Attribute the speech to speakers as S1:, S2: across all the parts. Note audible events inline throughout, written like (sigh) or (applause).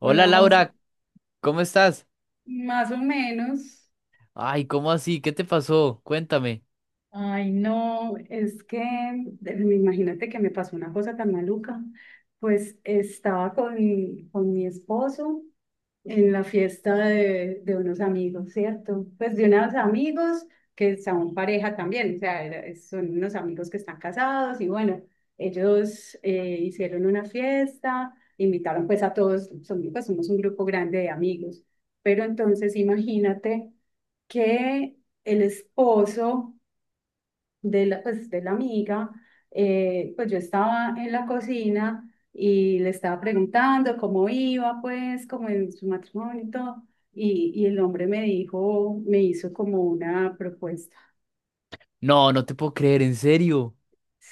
S1: Hola
S2: Hola, José.
S1: Laura, ¿cómo estás?
S2: Más o menos.
S1: Ay, ¿cómo así? ¿Qué te pasó? Cuéntame.
S2: Ay, no, es que imagínate que me pasó una cosa tan maluca. Pues estaba con mi esposo en la fiesta de unos amigos, ¿cierto? Pues de unos amigos que son pareja también, o sea, son unos amigos que están casados y bueno, ellos hicieron una fiesta, invitaron pues a todos, pues somos un grupo grande de amigos, pero entonces imagínate que el esposo de la amiga, pues yo estaba en la cocina y le estaba preguntando cómo iba, pues, como en su matrimonio y todo, y el hombre me dijo, me hizo como una propuesta.
S1: No, no te puedo creer, en serio.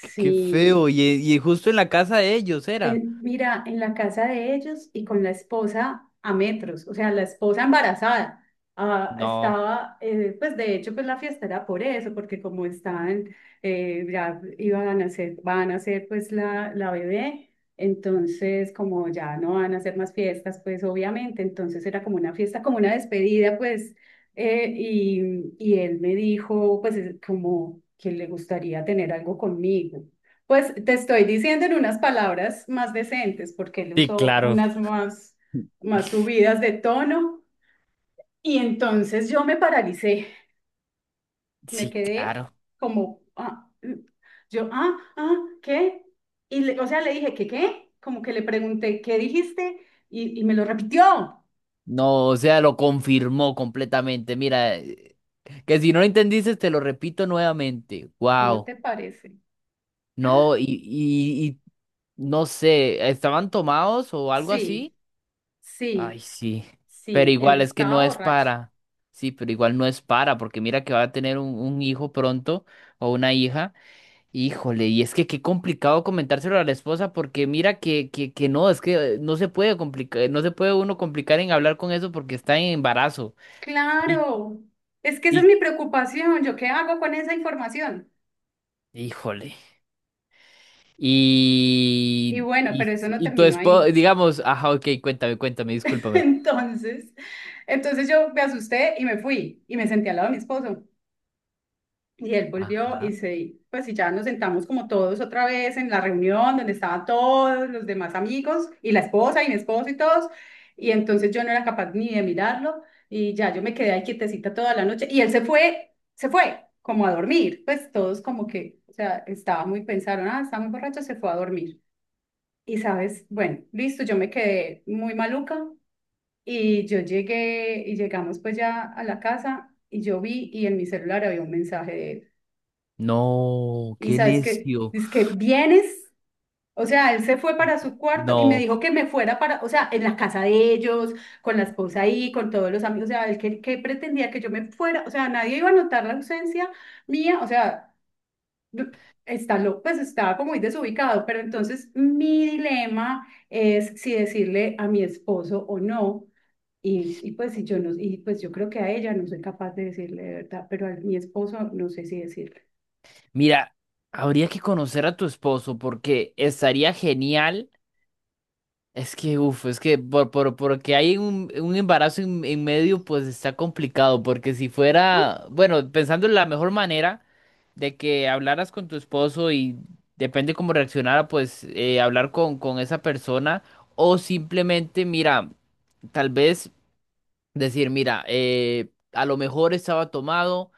S1: Qué, qué feo. Y justo en la casa de ellos era.
S2: mira, en la casa de ellos y con la esposa a metros, o sea, la esposa embarazada. Ah,
S1: No.
S2: pues de hecho, pues la fiesta era por eso, porque como estaban, ya iban a nacer, van a hacer pues la bebé, entonces como ya no van a hacer más fiestas, pues obviamente, entonces era como una fiesta, como una despedida, pues, y él me dijo, pues es como que le gustaría tener algo conmigo. Pues te estoy diciendo en unas palabras más decentes, porque él
S1: Sí,
S2: usó
S1: claro.
S2: unas más, más subidas de tono. Y entonces yo me paralicé, me
S1: Sí,
S2: quedé
S1: claro.
S2: como, ah, mm, yo, ah, ah, ¿qué? O sea, le dije, ¿qué, qué? Como que le pregunté, ¿qué dijiste? Y me lo repitió.
S1: No, o sea, lo confirmó completamente. Mira, que si no lo entendiste, te lo repito nuevamente.
S2: ¿Cómo
S1: Wow.
S2: te parece? Ah,
S1: No, y no sé, ¿estaban tomados o algo así?
S2: Sí,
S1: Ay,
S2: sí,
S1: sí. Pero
S2: sí, él
S1: igual es que no
S2: estaba
S1: es
S2: borracho.
S1: para. Sí, pero igual no es para, porque mira que va a tener un hijo pronto o una hija. Híjole, y es que qué complicado comentárselo a la esposa, porque mira que no, es que no se puede complicar, no se puede uno complicar en hablar con eso porque está en embarazo. Y,
S2: Claro, es que esa es
S1: y,
S2: mi preocupación. ¿Yo qué hago con esa información?
S1: híjole.
S2: Y
S1: Y,
S2: bueno,
S1: y,
S2: pero eso no
S1: y tu
S2: terminó
S1: esposa,
S2: ahí.
S1: digamos, ajá, ok, cuéntame, cuéntame,
S2: (laughs)
S1: discúlpame.
S2: Entonces, entonces, yo me asusté y me fui y me senté al lado de mi esposo. Y él volvió
S1: Ajá.
S2: y se, pues y ya nos sentamos como todos otra vez en la reunión donde estaban todos los demás amigos y la esposa y mi esposo y todos. Y entonces yo no era capaz ni de mirarlo y ya yo me quedé ahí quietecita toda la noche y él se fue como a dormir. Pues todos como que, o sea, estaba muy, pensaron, ah, está muy borracho, se fue a dormir. Y sabes, bueno, listo, yo me quedé muy maluca. Y yo llegué y llegamos pues ya a la casa y yo vi y en mi celular había un mensaje de él.
S1: No,
S2: Y
S1: qué
S2: sabes que,
S1: necio.
S2: dice que vienes, o sea, él se fue para su cuarto y me dijo
S1: No.
S2: que me fuera para, o sea, en la casa de ellos, con la esposa ahí, con todos los amigos, o sea, él que pretendía que yo me fuera, o sea, nadie iba a notar la ausencia mía, o sea, está loco, pues estaba como muy desubicado, pero entonces mi dilema es si decirle a mi esposo o no y, y pues y yo no, y pues yo creo que a ella no soy capaz de decirle de verdad, pero a mi esposo no sé si decirle.
S1: Mira, habría que conocer a tu esposo porque estaría genial. Es que, uff, es que porque hay un embarazo en medio, pues está complicado. Porque si
S2: Ah,
S1: fuera, bueno, pensando en la mejor manera de que hablaras con tu esposo y depende cómo reaccionara, pues hablar con esa persona o simplemente, mira, tal vez decir, mira, a lo mejor estaba tomado,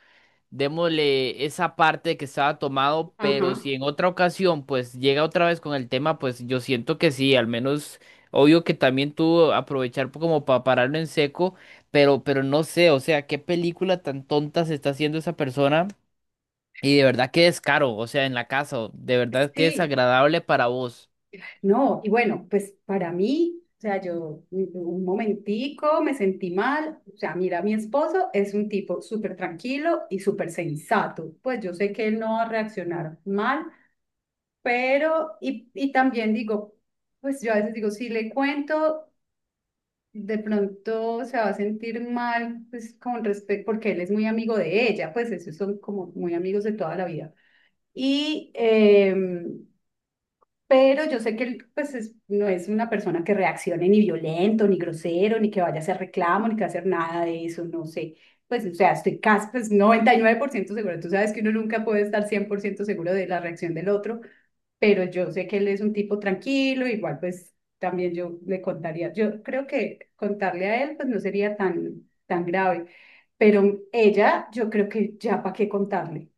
S1: démosle esa parte que estaba tomado,
S2: Ajá,
S1: pero si en otra ocasión pues llega otra vez con el tema, pues yo siento que sí, al menos obvio que también tuvo aprovechar como para pararlo en seco, pero no sé, o sea, qué película tan tonta se está haciendo esa persona y de verdad que descaro, o sea, en la casa, de verdad que
S2: sí,
S1: desagradable para vos.
S2: no, y bueno, pues para mí, o sea, yo un momentico me sentí mal, o sea, mira, mi esposo es un tipo súper tranquilo y súper sensato, pues yo sé que él no va a reaccionar mal, pero, y también digo, pues yo a veces digo, si le cuento de pronto se va a sentir mal, pues con respecto, porque él es muy amigo de ella, pues esos son como muy amigos de toda la vida. Y, em, pero yo sé que él, pues, no es una persona que reaccione ni violento, ni grosero, ni que vaya a hacer reclamo, ni que va a hacer nada de eso, no sé. Pues, o sea, estoy casi, pues, 99% seguro. Tú sabes que uno nunca puede estar 100% seguro de la reacción del otro, pero yo sé que él es un tipo tranquilo, igual pues también yo le contaría, yo creo que contarle a él pues no sería tan, tan grave, pero ella yo creo que ya para qué contarle,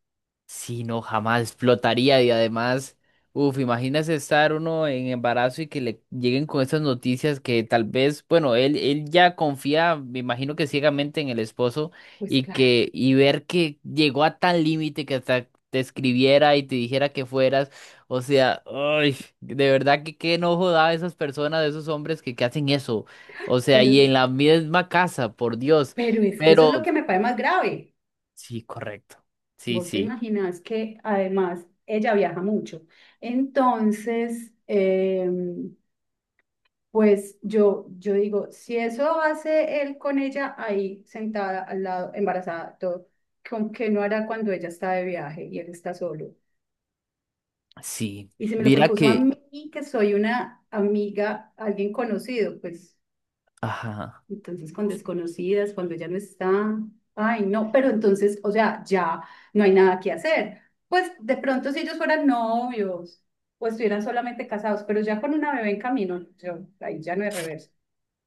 S1: Sí, no, jamás explotaría y además, uff, imagínese estar uno en embarazo y que le lleguen con estas noticias que tal vez, bueno, él ya confía, me imagino que ciegamente en el esposo
S2: pues
S1: y
S2: claro,
S1: que, y ver que llegó a tal límite que hasta te escribiera y te dijera que fueras, o sea, ay, de verdad que qué enojo da a esas personas, a esos hombres que hacen eso, o sea,
S2: pero,
S1: y en la misma casa, por Dios,
S2: pero es que eso es
S1: pero
S2: lo que me parece más grave,
S1: sí, correcto, sí,
S2: vos te
S1: sí.
S2: imaginas que además ella viaja mucho, entonces... em, pues yo digo, si eso hace él con ella ahí sentada al lado, embarazada, todo, ¿con qué no hará cuando ella está de viaje y él está solo?
S1: Sí,
S2: Y si me lo
S1: mira
S2: propuso a
S1: que,
S2: mí, que soy una amiga, alguien conocido, pues
S1: ajá.
S2: entonces con desconocidas, cuando ella no está, ay, no, pero entonces, o sea, ya no hay nada que hacer. Pues de pronto si ellos fueran novios o estuvieran solamente casados, pero ya con una bebé en camino, yo, ahí ya no hay reversa.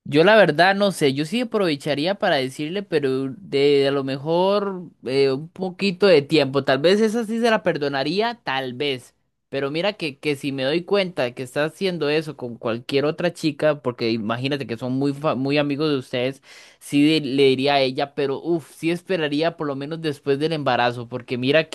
S1: Yo la verdad no sé, yo sí aprovecharía para decirle, pero de a lo mejor un poquito de tiempo, tal vez esa sí se la perdonaría, tal vez. Pero mira que si me doy cuenta de que está haciendo eso con cualquier otra chica, porque imagínate que son muy, muy amigos de ustedes, sí le diría a ella, pero uff, sí esperaría por lo menos después del embarazo, porque mira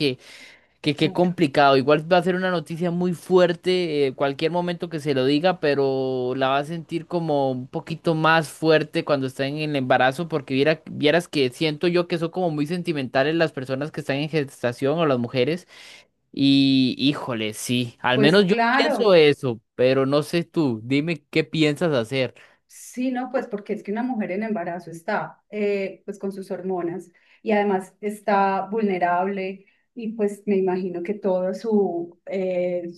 S1: que qué complicado. Igual va a ser una noticia muy fuerte, cualquier momento que se lo diga, pero la va a sentir como un poquito más fuerte cuando está en el embarazo, porque vieras que siento yo que son como muy sentimentales las personas que están en gestación o las mujeres. Y híjole, sí, al
S2: Pues
S1: menos yo pienso
S2: claro,
S1: eso, pero no sé tú, dime qué piensas hacer.
S2: sí, no, pues porque es que una mujer en embarazo está pues con sus hormonas y además está vulnerable y pues me imagino que todo su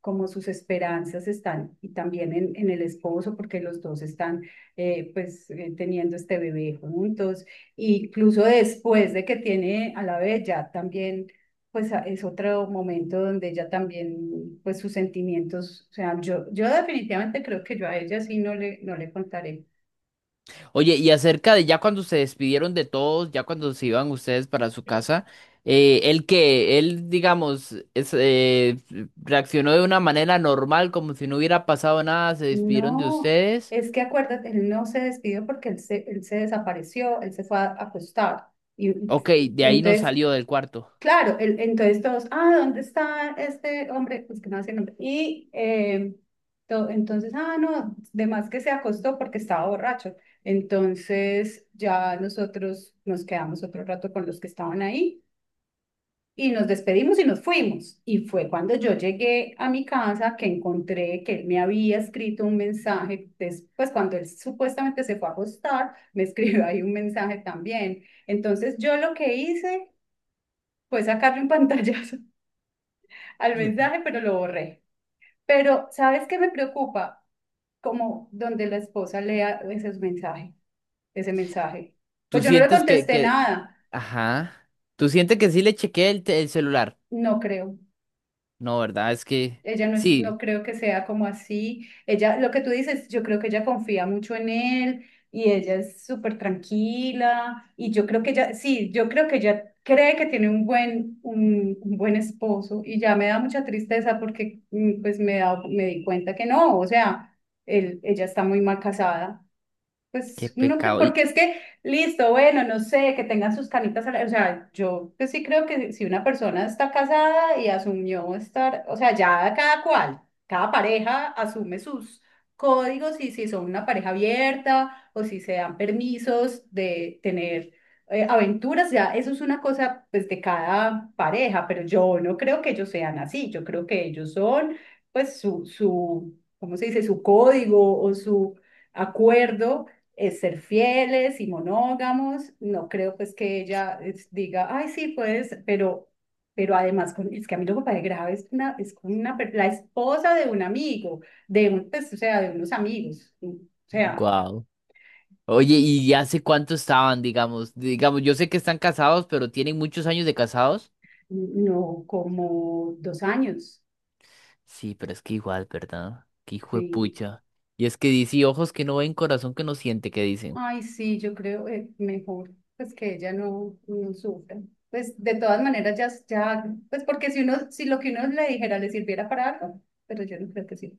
S2: como sus esperanzas están y también en el esposo porque los dos están teniendo este bebé juntos, e incluso después de que tiene a la bella también pues es otro momento donde ella también, pues sus sentimientos, o sea, yo definitivamente creo que yo a ella sí no le, no le contaré.
S1: Oye, y acerca de ya cuando se despidieron de todos, ya cuando se iban ustedes para su casa, él que, él, digamos, es, reaccionó de una manera normal, como si no hubiera pasado nada, se despidieron de
S2: No,
S1: ustedes.
S2: es que acuérdate, él no se despidió porque él se desapareció, él se fue a acostar. Y,
S1: Ok, de
S2: y
S1: ahí no
S2: entonces
S1: salió del cuarto.
S2: claro, entonces todos, ah, ¿dónde está este hombre? Pues que no sé el nombre. Y entonces, ah, no, de más que se acostó porque estaba borracho. Entonces ya nosotros nos quedamos otro rato con los que estaban ahí y nos despedimos y nos fuimos. Y fue cuando yo llegué a mi casa que encontré que él me había escrito un mensaje, después cuando él supuestamente se fue a acostar, me (laughs) escribió ahí un mensaje también. Entonces yo lo que hice fue sacarle un pantallazo al mensaje, pero lo borré. Pero, ¿sabes qué me preocupa? Como donde la esposa lea ese mensaje, ese mensaje.
S1: ¿Tú
S2: Pues yo no le
S1: sientes
S2: contesté
S1: que,
S2: nada,
S1: ajá, tú sientes que sí le chequeé el celular?
S2: no creo.
S1: No, ¿verdad? Es que,
S2: Ella no es,
S1: sí,
S2: no creo que sea como así. Ella, lo que tú dices, yo creo que ella confía mucho en él y ella es súper tranquila y yo creo que ella, sí, yo creo que ella cree que tiene un buen esposo y ya me da mucha tristeza porque pues me da, me di cuenta que no, o sea, él, ella está muy mal casada.
S1: qué
S2: Pues no,
S1: pecado. Y,
S2: porque es que, listo, bueno, no sé, que tengan sus canitas, al aire, o sea, yo pues sí creo que si una persona está casada y asumió estar, o sea, ya cada cual, cada pareja asume sus códigos y si son una pareja abierta o si se dan permisos de tener aventuras, ya eso es una cosa pues de cada pareja, pero yo no creo que ellos sean así, yo creo que ellos son pues su, ¿cómo se dice? Su código o su acuerdo es ser fieles y monógamos. No creo pues que ella diga, ay, sí, puedes, pero además es que a mí lo que me parece grave es, una, es con una, la esposa de un amigo, de un, pues, o sea, de unos amigos, o sea,
S1: wow. Oye, ¿y hace cuánto estaban, digamos? Digamos, yo sé que están casados, pero tienen muchos años de casados.
S2: no como 2 años,
S1: Sí, pero es que igual, ¿verdad? Qué hijo de
S2: sí.
S1: pucha. Y es que dice, ojos que no ven, corazón que no siente, que dicen.
S2: Ay, sí, yo creo mejor pues que ella no, no sufra. Pues de todas maneras ya, ya, pues porque si uno, si lo que uno le dijera le sirviera para algo, pero yo no creo que sí.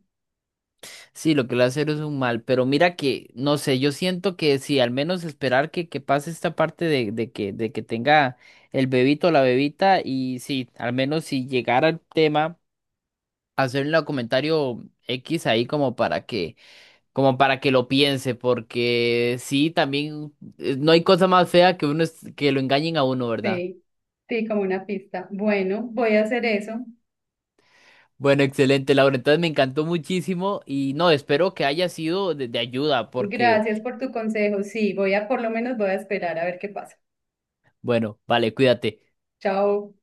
S1: Sí, lo que le hacer es un mal, pero mira que, no sé, yo siento que sí, al menos esperar que pase esta parte de que tenga el bebito o la bebita, y sí, al menos si llegara el tema, hacerle un comentario X ahí como para que lo piense, porque sí, también no hay cosa más fea que que lo engañen a uno, ¿verdad?
S2: Sí, sí, como una pista. Bueno, voy a hacer eso.
S1: Bueno, excelente, Laura. Entonces me encantó muchísimo y no, espero que haya sido de ayuda porque,
S2: Gracias por tu consejo. Sí, voy a, por lo menos voy a esperar a ver qué pasa.
S1: bueno, vale, cuídate.
S2: Chao.